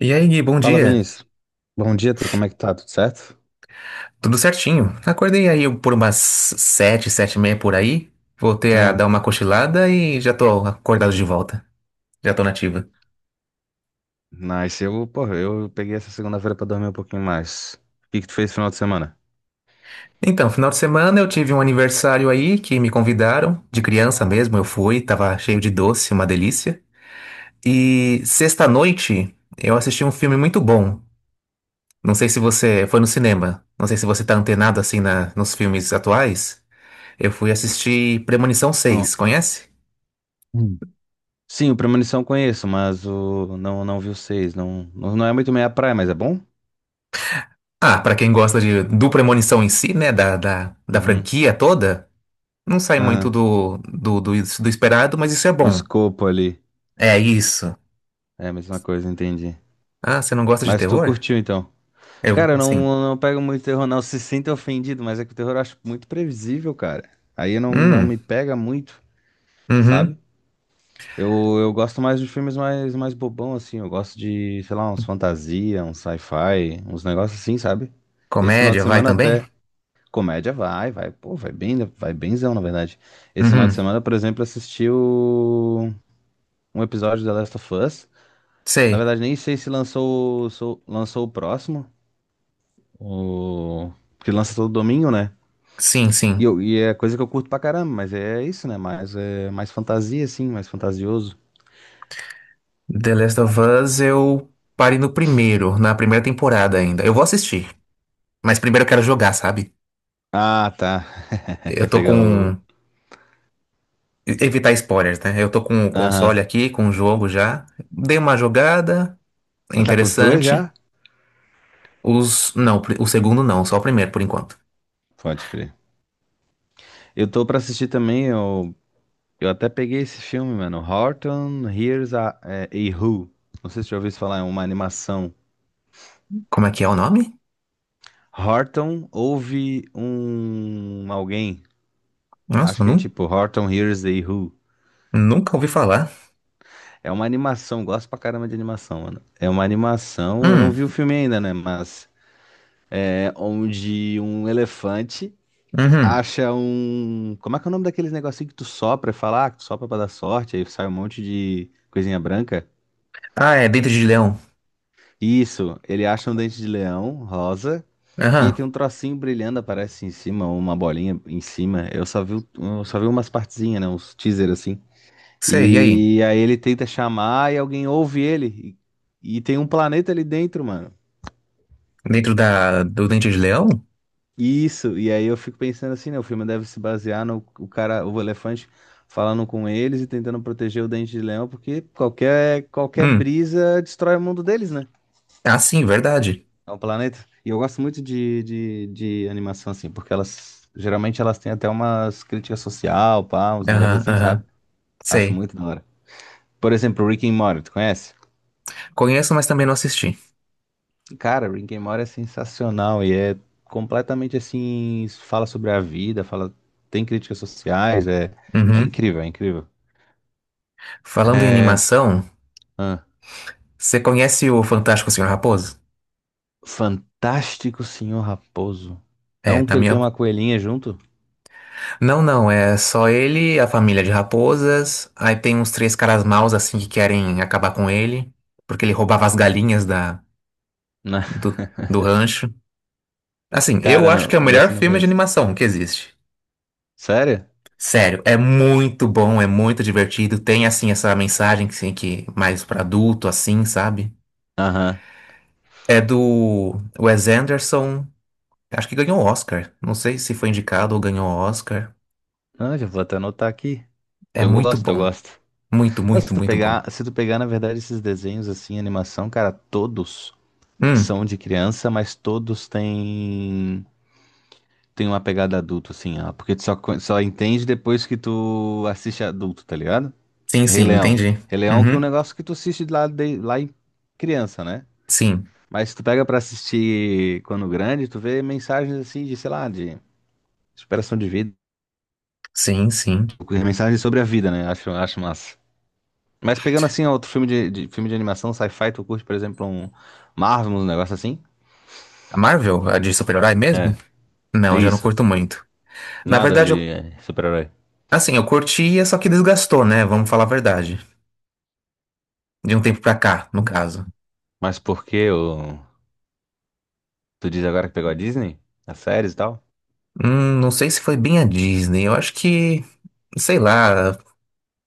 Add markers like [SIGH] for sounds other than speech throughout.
E aí, Gui, bom Fala, dia. Vinícius. Bom dia, como é que tá? Tudo certo? Tudo certinho. Acordei aí por umas 7, 7:30 por aí. Voltei a Ah, dar uma cochilada e já tô acordado de volta. Já tô nativa. nice. Eu, porra, eu peguei essa segunda-feira pra dormir um pouquinho mais. O que que tu fez no final de semana? Então, final de semana eu tive um aniversário aí que me convidaram. De criança mesmo, eu fui. Tava cheio de doce, uma delícia. E sexta-noite eu assisti um filme muito bom. Não sei se você foi no cinema. Não sei se você tá antenado assim nos filmes atuais. Eu fui assistir Premonição Ah, seis. Conhece? hum. Sim, o Premonição eu conheço, mas o não vi o seis. Não, não é muito meia praia, mas é bom? Ah, pra quem gosta de, do Premonição em si, né, da Uhum. franquia toda, não sai muito Ah, do esperado, mas isso é do bom. escopo ali. É isso. É a mesma coisa, entendi. Ah, você não gosta de Mas tu terror? curtiu então? Eu, Cara, eu sim. não, não pego muito terror, não. Se sinta ofendido, mas é que o terror eu acho muito previsível, cara. Aí não Hum, me pega muito, uhum. sabe? Eu gosto mais de filmes mais bobão, assim. Eu gosto de, sei lá, uns fantasia, uns sci-fi, uns negócios assim, sabe? Esse final de Comédia, vai semana também? até comédia vai, vai, pô, vai bem, vai benzão, na verdade. Esse final de Uhum, semana, por exemplo, assisti um episódio de The Last of Us. Na sei. verdade, nem sei se lançou, lançou o próximo, o... porque lança todo domingo, né? Sim, sim. E, eu, e é coisa que eu curto pra caramba, mas é isso, né? Mais, é, mais fantasia, assim, mais fantasioso. The Last of Us eu parei no primeiro, na primeira temporada ainda. Eu vou assistir, mas primeiro eu quero jogar, sabe? Ah, tá. [LAUGHS] Eu Quer tô pegar com... o Evitar spoilers, né? Eu tô com o console aham. aqui, com o jogo já. Dei uma jogada... É Tá com os dois interessante. já? Os. Não, o segundo não, só o primeiro por enquanto. Pode crer. Eu tô pra assistir também, eu até peguei esse filme, mano. Horton Hears a, é, a Who. Não sei se você já ouviu isso falar, é uma animação. Como é que é o nome? Horton ouve um alguém. Acho Nossa, que é tipo Horton Hears a Who. nunca ouvi falar. É uma animação, gosto pra caramba de animação, mano. É uma animação, eu não Hum, vi o filme ainda, né? Mas é onde um elefante uhum. acha um. Como é que é o nome daqueles negocinho que tu sopra e fala, ah, que tu sopra pra dar sorte, aí sai um monte de coisinha branca? Ah, é Dente de Leão. Isso, ele acha um dente de leão rosa. E aí Aham, tem um trocinho brilhando, aparece em cima, uma bolinha em cima. Eu só eu só vi umas partezinhas, né? Uns teaser assim. sei, e aí? E aí ele tenta chamar e alguém ouve ele. Tem um planeta ali dentro, mano. Dentro da, do Dente de Leão? Isso, e aí eu fico pensando assim, né? O filme deve se basear no o cara, o elefante falando com eles e tentando proteger o dente de leão, porque qualquer Hum, brisa destrói o mundo deles, né? ah, sim, verdade. É um planeta. E eu gosto muito de animação, assim, porque elas geralmente elas têm até umas críticas social, pá, uns negócios Aham, assim, sabe? aham, Acho sei. muito da hora. Por exemplo, Rick and Morty, tu conhece? Conheço, mas também não assisti. Cara, Rick and Morty é sensacional e é completamente assim, fala sobre a vida, fala, tem críticas sociais, é, Uhum. É incrível. Falando em É, animação, ah, você conhece o Fantástico Senhor Raposo? Fantástico Senhor Raposo. É É, um na que ele minha, tem uma coelhinha junto? Não, não, é só ele, a família de raposas. Aí tem uns três caras maus assim que querem acabar com ele, porque ele roubava as galinhas da, Não, do, do rancho. Assim, [LAUGHS] eu cara, acho não, que é o melhor nesse eu não filme de conheço. animação que existe. Sério? Sério, é muito bom, é muito divertido. Tem assim essa mensagem que, assim, que mais pra adulto, assim, sabe? Aham. É do Wes Anderson. Acho que ganhou o Oscar. Não sei se foi indicado ou ganhou o Oscar. Ah, já vou até anotar aqui. É muito Eu bom. gosto. Muito, Ah, muito, muito bom. Se tu pegar, na verdade, esses desenhos assim, animação, cara, todos Hum, são de criança, mas todos têm tem uma pegada adulto, assim, ó, porque tu só, só entende depois que tu assiste adulto, tá ligado? sim, sim, Rei Leão. entendi. Rei Leão que é um Uhum. negócio que tu assiste lá, de, lá em criança, né? Sim, Mas tu pega pra assistir quando grande, tu vê mensagens assim de, sei lá, de superação de vida, sim, sim. mensagens sobre a vida, né? Acho, acho massa. Mas pegando assim outro filme de filme de animação, sci-fi, tu curte, por exemplo, um Marvel, um negócio assim? A Marvel, a de super-herói mesmo? É, é Não, já não isso. curto muito. Na Nada verdade, de eu, é, super-herói. assim, eu curtia, só que desgastou, né? Vamos falar a verdade. De um tempo pra cá, no caso. Mas por que o... tu diz agora que pegou a Disney? As séries e tal? Não sei se foi bem a Disney. Eu acho que, sei lá,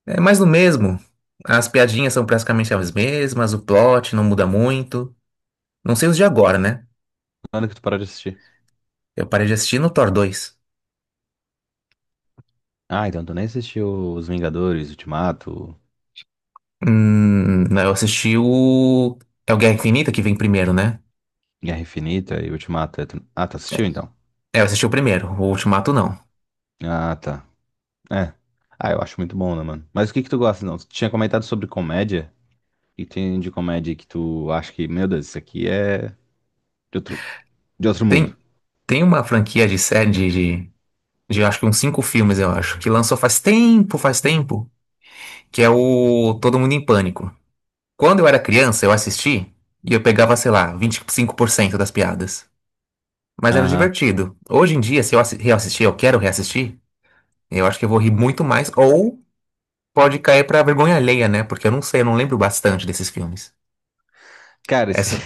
é mais do mesmo. As piadinhas são praticamente as mesmas, o plot não muda muito. Não sei os de agora, né? Quando que tu parou de assistir? Eu parei de assistir no Thor 2. Ah, então tu nem assistiu Os Vingadores, Ultimato, Não, eu assisti o. É o Guerra Infinita que vem primeiro, né? Guerra Infinita e Ultimato. Ah, tu assistiu então? É, eu assisti o primeiro, o Ultimato não. Ah, tá. É. Ah, eu acho muito bom, né, mano? Mas o que que tu gosta, não? Tu tinha comentado sobre comédia. E tem de comédia que tu acha que, meu Deus, isso aqui é de outro, de outro mundo. Tem, tem uma franquia de série de, de acho que uns cinco filmes, eu acho, que lançou faz tempo, que é o Todo Mundo em Pânico. Quando eu era criança, eu assisti e eu pegava, sei lá, 25% das piadas. Mas era Aham. divertido. Hoje em dia, se reassistir, eu quero reassistir, eu acho que eu vou rir muito mais, ou pode cair pra vergonha alheia, né? Porque eu não sei, eu não lembro bastante desses filmes. Cara, esse... Essa,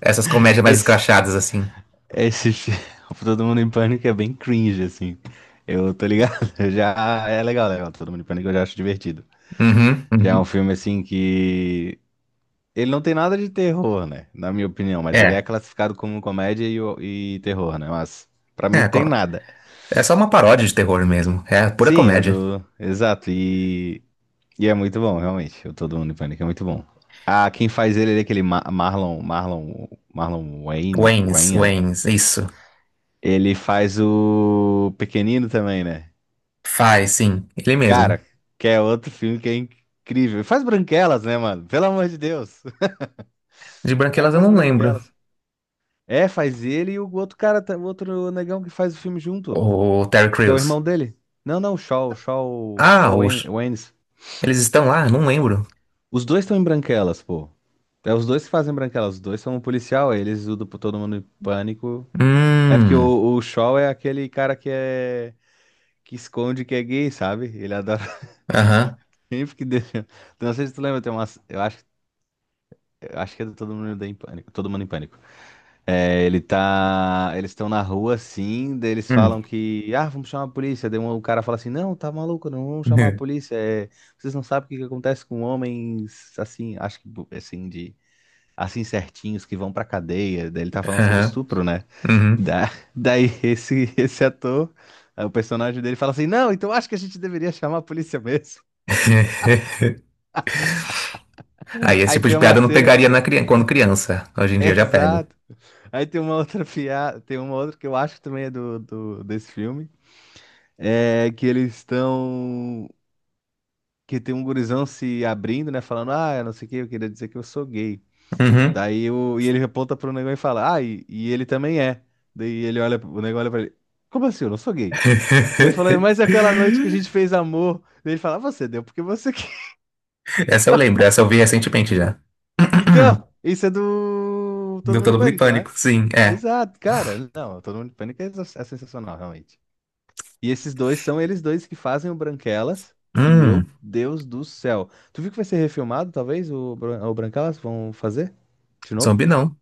Essas comédias mais Esse... escrachadas, assim. Esse... fi- [LAUGHS] Todo Mundo em Pânico é bem cringe, assim. Eu tô ligado. [LAUGHS] Já é legal, legal. Todo Mundo em Pânico eu já acho divertido. Uhum, Já é um uhum. filme assim que ele não tem nada de terror, né? Na minha opinião, mas ele é É. classificado como comédia e terror, né? Mas pra mim não É, tem nada. é só uma paródia de terror mesmo. É pura Sim, é comédia. do. Exato. E é muito bom, realmente. O Todo Mundo em Pânico é muito bom. Ah, quem faz ele, é aquele Marlon. Marlon. Waynes, Wayne. Waynes, isso. Ele faz o Pequenino também, né? Faz, sim, ele mesmo. Cara, que é outro filme que é incrível. Ele faz Branquelas, né, mano? Pelo amor de Deus. [LAUGHS] De O cara Branquelas eu faz não lembro. Branquelas. É, faz ele e o outro cara, o outro negão que faz o filme junto, O Terry que é o Crews. irmão dele. Não, não, Ah, Waynes. eles estão lá? Não lembro. Os dois estão em Branquelas, pô. É os dois que fazem Branquelas, os dois são um policial, eles ajudam pro todo mundo em pânico. É porque Hum. o Shaw é aquele cara que esconde que é gay, sabe? Ele adora [LAUGHS] Aham. sempre que deixa. Não sei se tu lembra, eu acho, eu acho que é do Todo Mundo em Pânico. É, ele tá. Eles estão na rua assim, daí eles Hum. falam que. Ah, vamos chamar a polícia. Daí o cara fala assim: Não, tá maluco, não vamos chamar a [LAUGHS] polícia. É, vocês não sabem o que que acontece com homens assim, acho que assim, de. Assim certinhos que vão pra cadeia. Daí ele tá falando sobre Aham. estupro, né? Uhum. Da- [LAUGHS] daí esse ator, é, o personagem dele fala assim: Não, então acho que a gente deveria chamar a polícia mesmo. [LAUGHS] Aí [LAUGHS] esse Aí tipo de tem uma piada eu não cena. pegaria quando criança. Hoje [LAUGHS] em dia eu já pego. Exato. Aí tem uma outra piada, tem uma outra que eu acho que também é do desse filme. É que eles estão. Que tem um gurizão se abrindo, né? Falando, ah, eu não sei o que, eu queria dizer que eu sou gay. Uhum. Daí o... e ele aponta pro negão e fala, ah, e ele também é. Daí ele olha, o negão olha pra ele, como assim? Eu não sou gay. Daí ele fala, mas aquela noite que a gente [LAUGHS] fez amor. Daí ele fala, "Ah, você deu porque você quer. [LAUGHS] Essa eu lembro, essa eu vi recentemente já. [CLEARS THROAT] Então, isso é do Todo Deu Mundo em todo mundo em Pânico, não é? pânico. Sim, é. Exato, cara. Não, Todo Mundo em Pânico é sensacional, realmente. E esses dois são eles dois que fazem o Branquelas, que, meu Hum, Deus do céu. Tu viu que vai ser refilmado, talvez, o Branquelas? Vão fazer? De novo? zumbi não.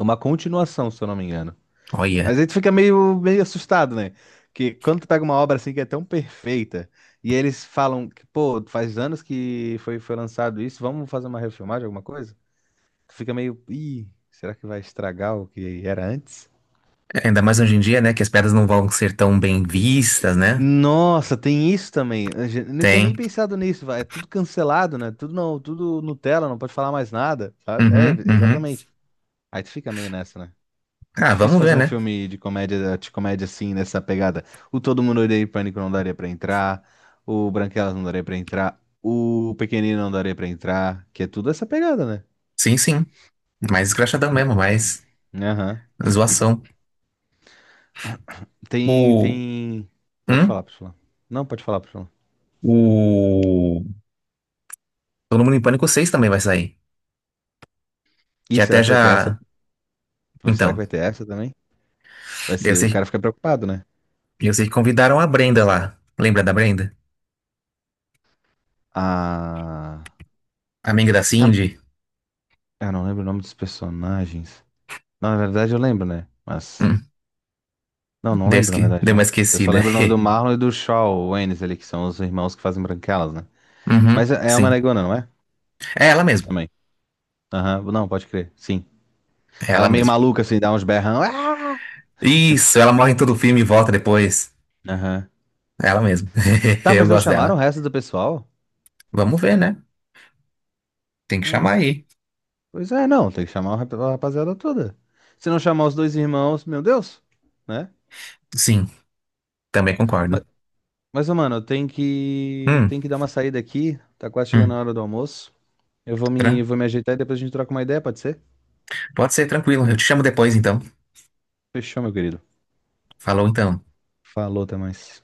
Uma continuação, se eu não me engano. Olha. Mas aí tu fica meio assustado, né? Que quando tu pega uma obra assim que é tão perfeita, e eles falam que, pô, faz anos que foi lançado isso, vamos fazer uma refilmagem, alguma coisa? Tu fica meio, ih, será que vai estragar o que era antes? Ainda mais hoje em dia, né? Que as pedras não vão ser tão bem vistas, né? Nossa, tem isso também. Eu não tinha Tem. nem pensado nisso, vai. É tudo cancelado, né? Tudo não, tudo Nutella, não pode falar mais nada, sabe? É, Uhum, uhum. exatamente. Aí tu fica meio nessa, né? Ah, Difícil vamos fazer ver, um né? filme de comédia, assim, nessa pegada. O Todo Mundo Odeia o Pânico não daria pra entrar, o Branquelas não daria pra entrar, o Pequenino não daria pra entrar, que é tudo essa pegada, né? Sim, sim. Mais escrachadão mesmo, mais Aham. zoação. Tem, O. tem. Pode Hum? falar, pode falar. Não, pode falar, pode falar. O. Todo Mundo em Pânico 6 também vai sair. Que Ih, até será que vai ter essa? já. Será que Então, vai ter essa também? Vai eu ser, o sei, cara fica preocupado, né? eu sei que convidaram a Brenda lá. Lembra da Brenda? A. Amiga da Tam- Cindy? Eu não lembro o nome dos personagens. Não, na verdade eu lembro, né? Mas. Hum, Não, não lembro, na verdade, deu uma não. Eu só esquecida. lembro o [LAUGHS] nome do Marlon e do Shaw Waynes ali, que são os irmãos que fazem branquelas, né? Mas Uhum, é uma sim. negona, não é? É ela mesmo. Também. Aham, Não, pode crer. Sim. É Ela ela é meio mesmo. maluca, assim, dá uns berrão. Ah! Isso, ela morre em todo o filme e volta depois. Aham. Ela mesma. [LAUGHS] Tá, Eu mas não gosto chamaram o dela. resto do pessoal? Vamos ver, né? Tem que chamar Ah, aí. pois é, não. Tem que chamar a rapaziada toda. Se não chamar os dois irmãos, meu Deus, né? Sim, também concordo. Mas, ô, mano, Hum, tenho que dar uma saída aqui. Tá quase chegando hum, a hora do almoço. Tran- Vou me ajeitar e depois a gente troca uma ideia, pode ser? Pode ser tranquilo. Eu te chamo depois, então. Fechou, meu querido. Falou, então. Falou, até mais.